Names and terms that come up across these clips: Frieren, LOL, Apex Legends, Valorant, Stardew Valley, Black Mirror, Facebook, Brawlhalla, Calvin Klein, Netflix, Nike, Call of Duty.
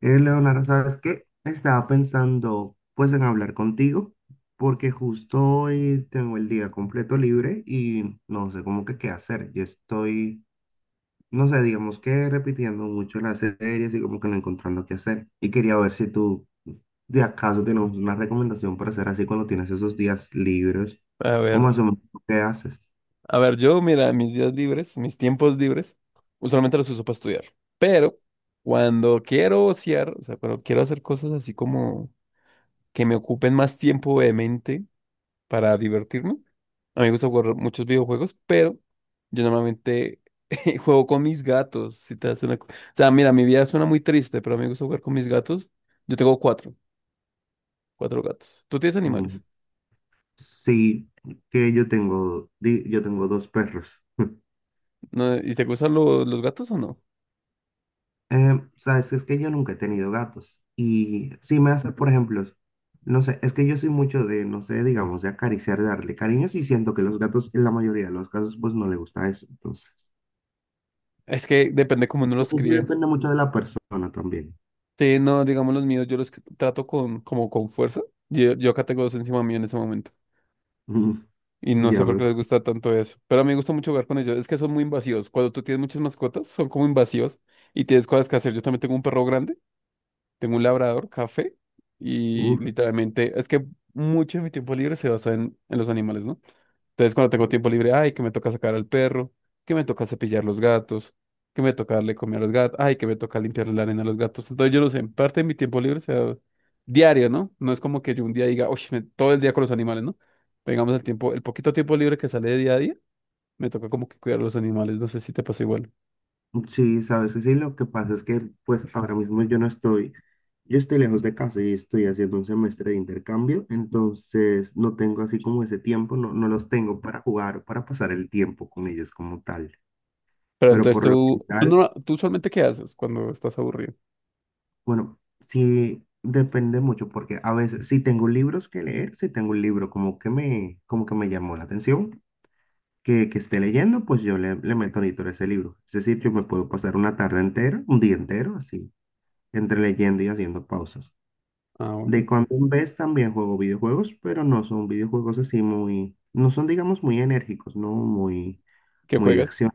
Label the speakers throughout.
Speaker 1: Leonardo, ¿sabes qué? Estaba pensando pues en hablar contigo porque justo hoy tengo el día completo libre y no sé cómo que qué hacer. Yo estoy, no sé, digamos que repitiendo mucho las series y como que no encontrando qué hacer. Y quería ver si tú de acaso tenemos una recomendación para hacer así cuando tienes esos días libres
Speaker 2: A
Speaker 1: o
Speaker 2: ver,
Speaker 1: más o menos qué haces.
Speaker 2: a ver, yo, mira, mis días libres, mis tiempos libres, usualmente los uso para estudiar, pero cuando quiero ociar, o sea, cuando quiero hacer cosas así como que me ocupen más tiempo de mente para divertirme, a mí me gusta jugar muchos videojuegos, pero yo normalmente juego con mis gatos, si te hace una... co- o sea, mira, mi vida suena muy triste, pero a mí me gusta jugar con mis gatos. Yo tengo cuatro gatos. ¿Tú tienes animales?
Speaker 1: Mm, sí, que yo tengo, yo tengo dos perros.
Speaker 2: ¿No? ¿Y te gustan los gatos o no?
Speaker 1: Sabes, es que yo nunca he tenido gatos y si me hace, por ejemplo, no sé, es que yo soy mucho de, no sé, digamos, de acariciar, de darle cariños y siento que los gatos en la mayoría de los casos pues no le gusta eso, entonces,
Speaker 2: Es que depende cómo uno
Speaker 1: no
Speaker 2: los
Speaker 1: sé si
Speaker 2: críe.
Speaker 1: depende mucho de la persona también.
Speaker 2: Sí, no, digamos los míos, yo los trato como con fuerza. Yo acá tengo dos encima mío en ese momento.
Speaker 1: Mm,
Speaker 2: Y no sé
Speaker 1: ya
Speaker 2: por
Speaker 1: veo.
Speaker 2: qué les gusta tanto eso. Pero a mí me gusta mucho jugar con ellos. Es que son muy invasivos. Cuando tú tienes muchas mascotas, son como invasivos y tienes cosas que hacer. Yo también tengo un perro grande, tengo un labrador, café. Y
Speaker 1: Uf,
Speaker 2: literalmente, es que mucho de mi tiempo libre se basa en los animales, ¿no? Entonces, cuando tengo tiempo libre, ay, que me toca sacar al perro, que me toca cepillar los gatos, que me toca darle comida a los gatos, ay, que me toca limpiarle la arena a los gatos. Entonces, yo no sé, en parte de mi tiempo libre sea diario, ¿no? No es como que yo un día diga, oye, todo el día con los animales, ¿no? Pegamos el tiempo, el poquito tiempo libre que sale de día a día, me toca como que cuidar a los animales, no sé si te pasa igual.
Speaker 1: sí, sabes, que sí, lo que pasa es que pues ahora mismo yo no estoy, yo estoy lejos de casa y estoy haciendo un semestre de intercambio, entonces no tengo así como ese tiempo, no, no los tengo para jugar, para pasar el tiempo con ellos como tal.
Speaker 2: Pero
Speaker 1: Pero
Speaker 2: entonces
Speaker 1: por lo general,
Speaker 2: no, tú usualmente ¿qué haces cuando estás aburrido?
Speaker 1: bueno, sí depende mucho porque a veces si tengo libros que leer, si tengo un libro como que me llamó la atención, que esté leyendo, pues yo le, le meto editor a ese libro. Es decir, yo me puedo pasar una tarde entera, un día entero, así, entre leyendo y haciendo pausas.
Speaker 2: Ah,
Speaker 1: De
Speaker 2: bueno,
Speaker 1: cuando en vez también juego videojuegos, pero no son videojuegos así muy, no son digamos muy enérgicos, no muy,
Speaker 2: ¿qué
Speaker 1: muy de
Speaker 2: juegas?
Speaker 1: acción.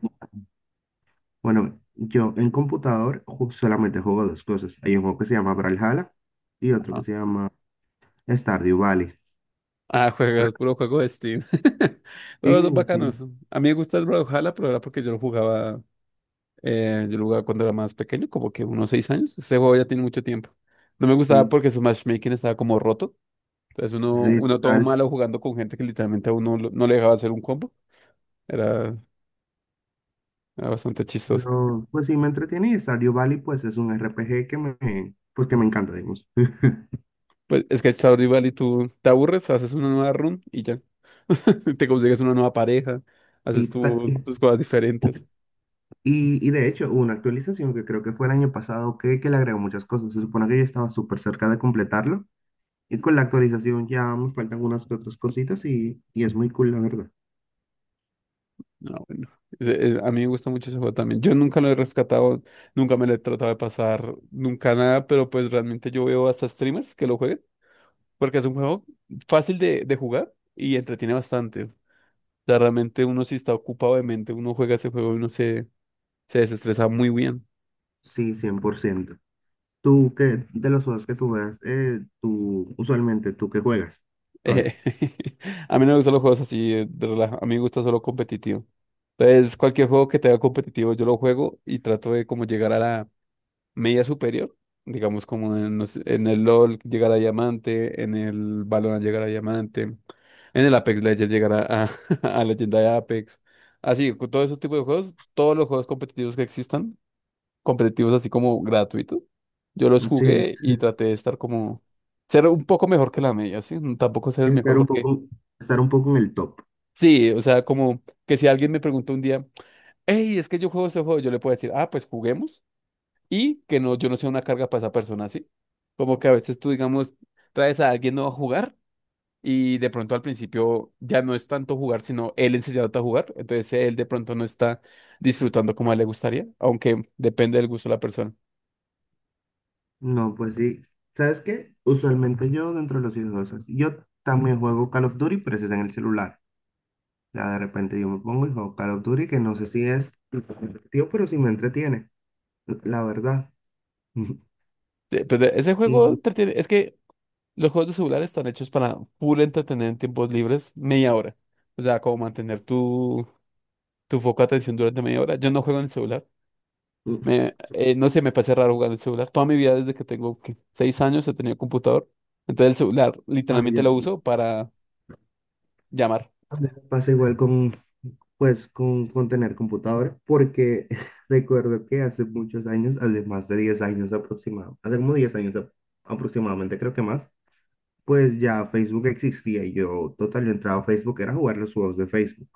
Speaker 1: Bueno, yo en computador solamente juego dos cosas. Hay un juego que se llama Brawlhalla y otro que se llama Stardew Valley.
Speaker 2: Ah,
Speaker 1: Pero
Speaker 2: juegas puro juego de Steam. Los
Speaker 1: sí,
Speaker 2: dos
Speaker 1: sí,
Speaker 2: bacanos. A mí me gusta el Brawlhalla, pero era porque yo lo jugaba cuando era más pequeño, como que unos 6 años. Ese juego ya tiene mucho tiempo. No me gustaba
Speaker 1: sí,
Speaker 2: porque su matchmaking estaba como roto. Entonces uno,
Speaker 1: sí,
Speaker 2: uno todo
Speaker 1: total.
Speaker 2: malo jugando con gente que literalmente a uno no le dejaba hacer un combo. Era, era bastante chistoso.
Speaker 1: Pero pues sí me entretiene y Stardew Valley pues es un R P G que me, pues que me encanta, digamos.
Speaker 2: Pues es que está rival y tú te aburres, haces una nueva run y ya. Te consigues una nueva pareja,
Speaker 1: Y,
Speaker 2: haces tus cosas diferentes.
Speaker 1: y de hecho hubo una actualización que creo que fue el año pasado que le agregó muchas cosas. Se supone que yo estaba súper cerca de completarlo y con la actualización ya me faltan unas que otras cositas y es muy cool, la verdad.
Speaker 2: No bueno. A mí me gusta mucho ese juego también. Yo nunca lo he rescatado, nunca me lo he tratado de pasar, nunca nada, pero pues realmente yo veo hasta streamers que lo jueguen, porque es un juego fácil de jugar y entretiene bastante. O sea, realmente uno si está ocupado de mente, uno juega ese juego y uno se desestresa muy bien.
Speaker 1: Sí, 100%. Tú que de los juegos que tú juegas, tú usualmente tú que juegas. A ver,
Speaker 2: Eh, a mí no me gustan los juegos así de relaja, a mí me gusta solo competitivo. Entonces, cualquier juego que tenga competitivo, yo lo juego y trato de como llegar a la media superior, digamos como en, no sé, en el LOL llegar a diamante, en el Valorant llegar a diamante, en el Apex Legends llegar a leyenda de Apex. Así, con todo ese tipo de juegos, todos los juegos competitivos que existan, competitivos así como gratuitos, yo los
Speaker 1: un chile.
Speaker 2: jugué y traté de estar como, ser un poco mejor que la media, ¿sí? No, tampoco ser el mejor
Speaker 1: Estar un
Speaker 2: porque...
Speaker 1: poco, estar un poco en el top.
Speaker 2: Sí, o sea, como que si alguien me pregunta un día, hey, es que yo juego ese juego, yo le puedo decir, ah, pues juguemos, y que no, yo no sea una carga para esa persona, ¿sí? Como que a veces tú, digamos, traes a alguien nuevo a jugar y de pronto al principio ya no es tanto jugar, sino él enseñándote a jugar, entonces él de pronto no está disfrutando como a él le gustaría, aunque depende del gusto de la persona.
Speaker 1: No, pues sí. ¿Sabes qué? Usualmente yo dentro de los juegos, yo también juego Call of Duty, pero ese es en el celular. Ya de repente yo me pongo y juego Call of Duty, que no sé si es tío, pero sí me entretiene, la verdad.
Speaker 2: Pues, ese
Speaker 1: Y
Speaker 2: juego es que los juegos de celular están hechos para full entretener en tiempos libres media hora, o sea, como mantener tu foco de atención durante media hora. Yo no juego en el celular.
Speaker 1: y-
Speaker 2: No sé, me parece raro jugar el celular. Toda mi vida, desde que tengo ¿qué? 6 años, he tenido computador. Entonces el celular literalmente lo
Speaker 1: yo,
Speaker 2: uso para llamar.
Speaker 1: a mí me pasa igual con, pues con tener computadora porque recuerdo que hace muchos años, hace más de 10 años aproximadamente, hace como 10 años aproximadamente, creo que más, pues ya Facebook existía y yo total, yo entraba a Facebook, era jugar los juegos de Facebook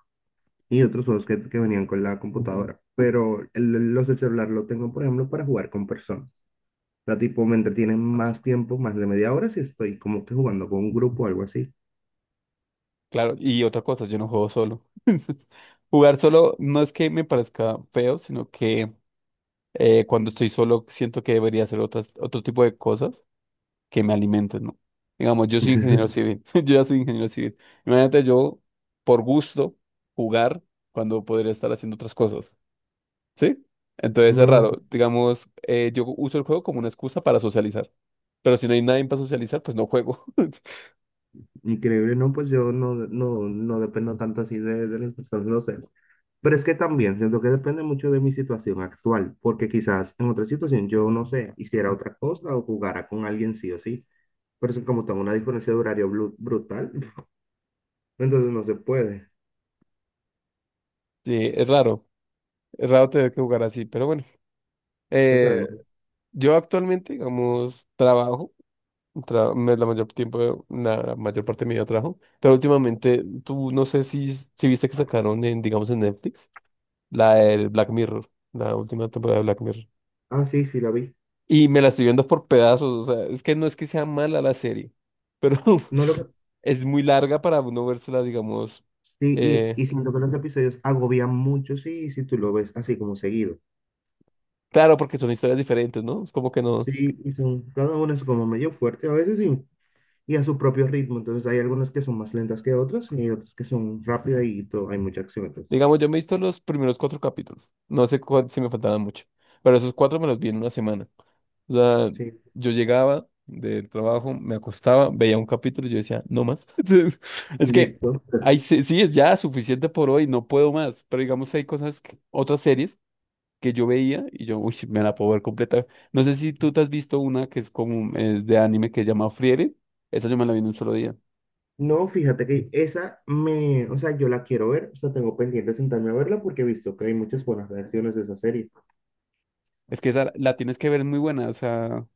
Speaker 1: y otros juegos que venían con la computadora, pero los del celular lo tengo, por ejemplo, para jugar con personas. O sea, tipo, me entretienen más tiempo, más de 30 minutos si estoy como que jugando con un grupo o algo así.
Speaker 2: Claro, y otra cosa, yo no juego solo. Jugar solo no es que me parezca feo, sino que cuando estoy solo siento que debería hacer otro tipo de cosas que me alimenten, ¿no? Digamos, yo soy ingeniero civil, yo ya soy ingeniero civil. Imagínate yo, por gusto, jugar cuando podría estar haciendo otras cosas. ¿Sí? Entonces es
Speaker 1: No,
Speaker 2: raro. Digamos, yo uso el juego como una excusa para socializar. Pero si no hay nadie para socializar, pues no juego.
Speaker 1: increíble, no, pues yo no, no, no dependo tanto así de las personas, no sé. Pero es que también siento que depende mucho de mi situación actual, porque quizás en otra situación yo, no sé, hiciera otra cosa o jugara con alguien sí o sí. Pero es que como tengo una diferencia de horario brutal, entonces no se puede.
Speaker 2: Sí, es raro. Es raro tener que jugar así, pero bueno.
Speaker 1: Total.
Speaker 2: Eh, yo actualmente, digamos, trabajo. La mayor parte de mi vida trabajo. Pero últimamente, tú no sé si viste que sacaron en, digamos, en Netflix, la del Black Mirror, la última temporada de Black Mirror.
Speaker 1: Ah, sí, sí, la vi.
Speaker 2: Y me la estoy viendo por pedazos, o sea, es que no es que sea mala la serie, pero
Speaker 1: No lo
Speaker 2: es muy larga para uno vérsela, digamos,
Speaker 1: sí,
Speaker 2: eh,
Speaker 1: y siento que los episodios agobian mucho, sí, si tú lo ves así como seguido.
Speaker 2: claro, porque son historias diferentes, ¿no? Es como que no,
Speaker 1: Sí, y son, cada uno es como medio fuerte a veces, sí, y a su propio ritmo. Entonces hay algunas que son más lentas que otras y hay otras que son rápidas y todo, hay mucha acción. Entonces,
Speaker 2: digamos, yo me he visto los primeros cuatro capítulos, no sé si me faltaban mucho, pero esos cuatro me los vi en una semana. O sea,
Speaker 1: sí,
Speaker 2: yo llegaba del trabajo, me acostaba, veía un capítulo y yo decía, no más. Es que
Speaker 1: listo.
Speaker 2: ahí sí, sí es ya suficiente por hoy, no puedo más, pero digamos, hay cosas, otras series, que yo veía y yo, uy, me la puedo ver completa. No sé si tú te has visto una que es como es de anime que se llama Frieren. Esa yo me la vi en un solo día.
Speaker 1: No, fíjate que esa me, o sea, yo la quiero ver, o sea, tengo pendiente de sentarme a verla porque he visto que hay muchas buenas reacciones de esa serie.
Speaker 2: Es que esa la tienes que ver, es muy buena. O sea,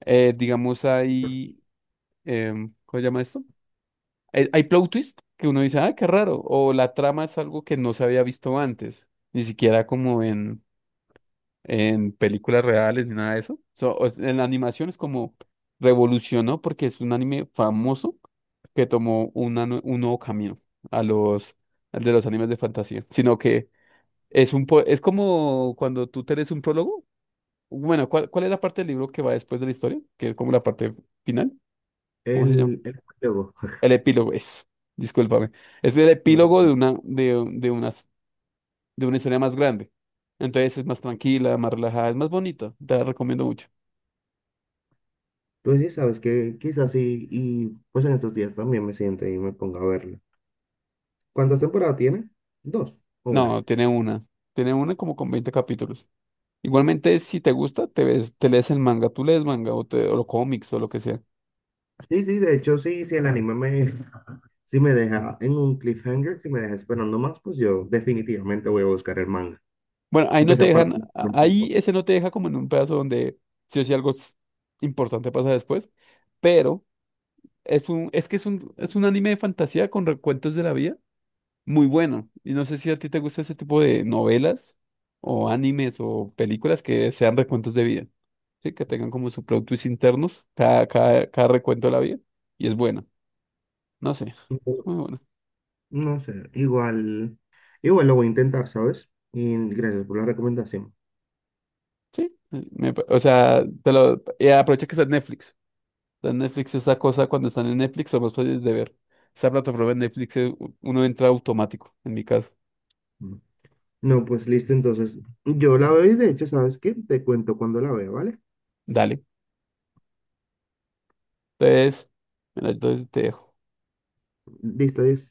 Speaker 2: digamos, ¿cómo se llama esto? Hay plot twist que uno dice, ah, qué raro. O la trama es algo que no se había visto antes. Ni siquiera como en películas reales ni nada de eso. En la animación es como revolucionó porque es un anime famoso que tomó un nuevo camino a los al de los animes de fantasía, sino que es como cuando tú te lees un prólogo. Bueno, ¿cuál es la parte del libro que va después de la historia? Que es como la parte final. ¿Cómo se llama?
Speaker 1: El juego.
Speaker 2: El epílogo es. Discúlpame. Es el
Speaker 1: No,
Speaker 2: epílogo de una de unas- de una historia más grande. Entonces es más tranquila, más relajada, es más bonita. Te la recomiendo mucho.
Speaker 1: entonces, sabes que quizás sí, y pues en estos días también me siente y me ponga a verla. ¿Cuántas temporadas tiene? Dos o una.
Speaker 2: No, tiene una. Tiene una como con 20 capítulos. Igualmente, si te gusta, te ves, te lees el manga. Tú lees manga o los cómics o lo que sea.
Speaker 1: Sí, sí, de hecho, sí, sí, el anime me, si me deja en un cliffhanger, si me deja esperando más, pues yo definitivamente voy a buscar el manga,
Speaker 2: Bueno, ahí
Speaker 1: aunque
Speaker 2: no te
Speaker 1: sea para
Speaker 2: dejan,
Speaker 1: adelantar un
Speaker 2: ahí
Speaker 1: poco.
Speaker 2: ese no te deja como en un pedazo donde sí o sí algo importante pasa después. Pero es un, es que es un anime de fantasía con recuentos de la vida muy bueno. Y no sé si a ti te gusta ese tipo de novelas o animes o películas que sean recuentos de vida. Sí, que tengan como su plot twist internos, cada recuento de la vida. Y es buena. No sé.
Speaker 1: No,
Speaker 2: Muy bueno.
Speaker 1: no sé, igual, igual lo voy a intentar, ¿sabes? Y gracias por la recomendación.
Speaker 2: Sí. O sea, y aprovecha que está en Netflix. Está en Netflix esa cosa, cuando están en Netflix son más fáciles de ver. Esa plataforma de Netflix, uno entra automático, en mi caso.
Speaker 1: Mm. No, pues listo, entonces yo la veo y de hecho, ¿sabes qué? Te cuento cuando la veo, ¿vale?
Speaker 2: Dale. Entonces, bueno, entonces te dejo.
Speaker 1: Listo, es.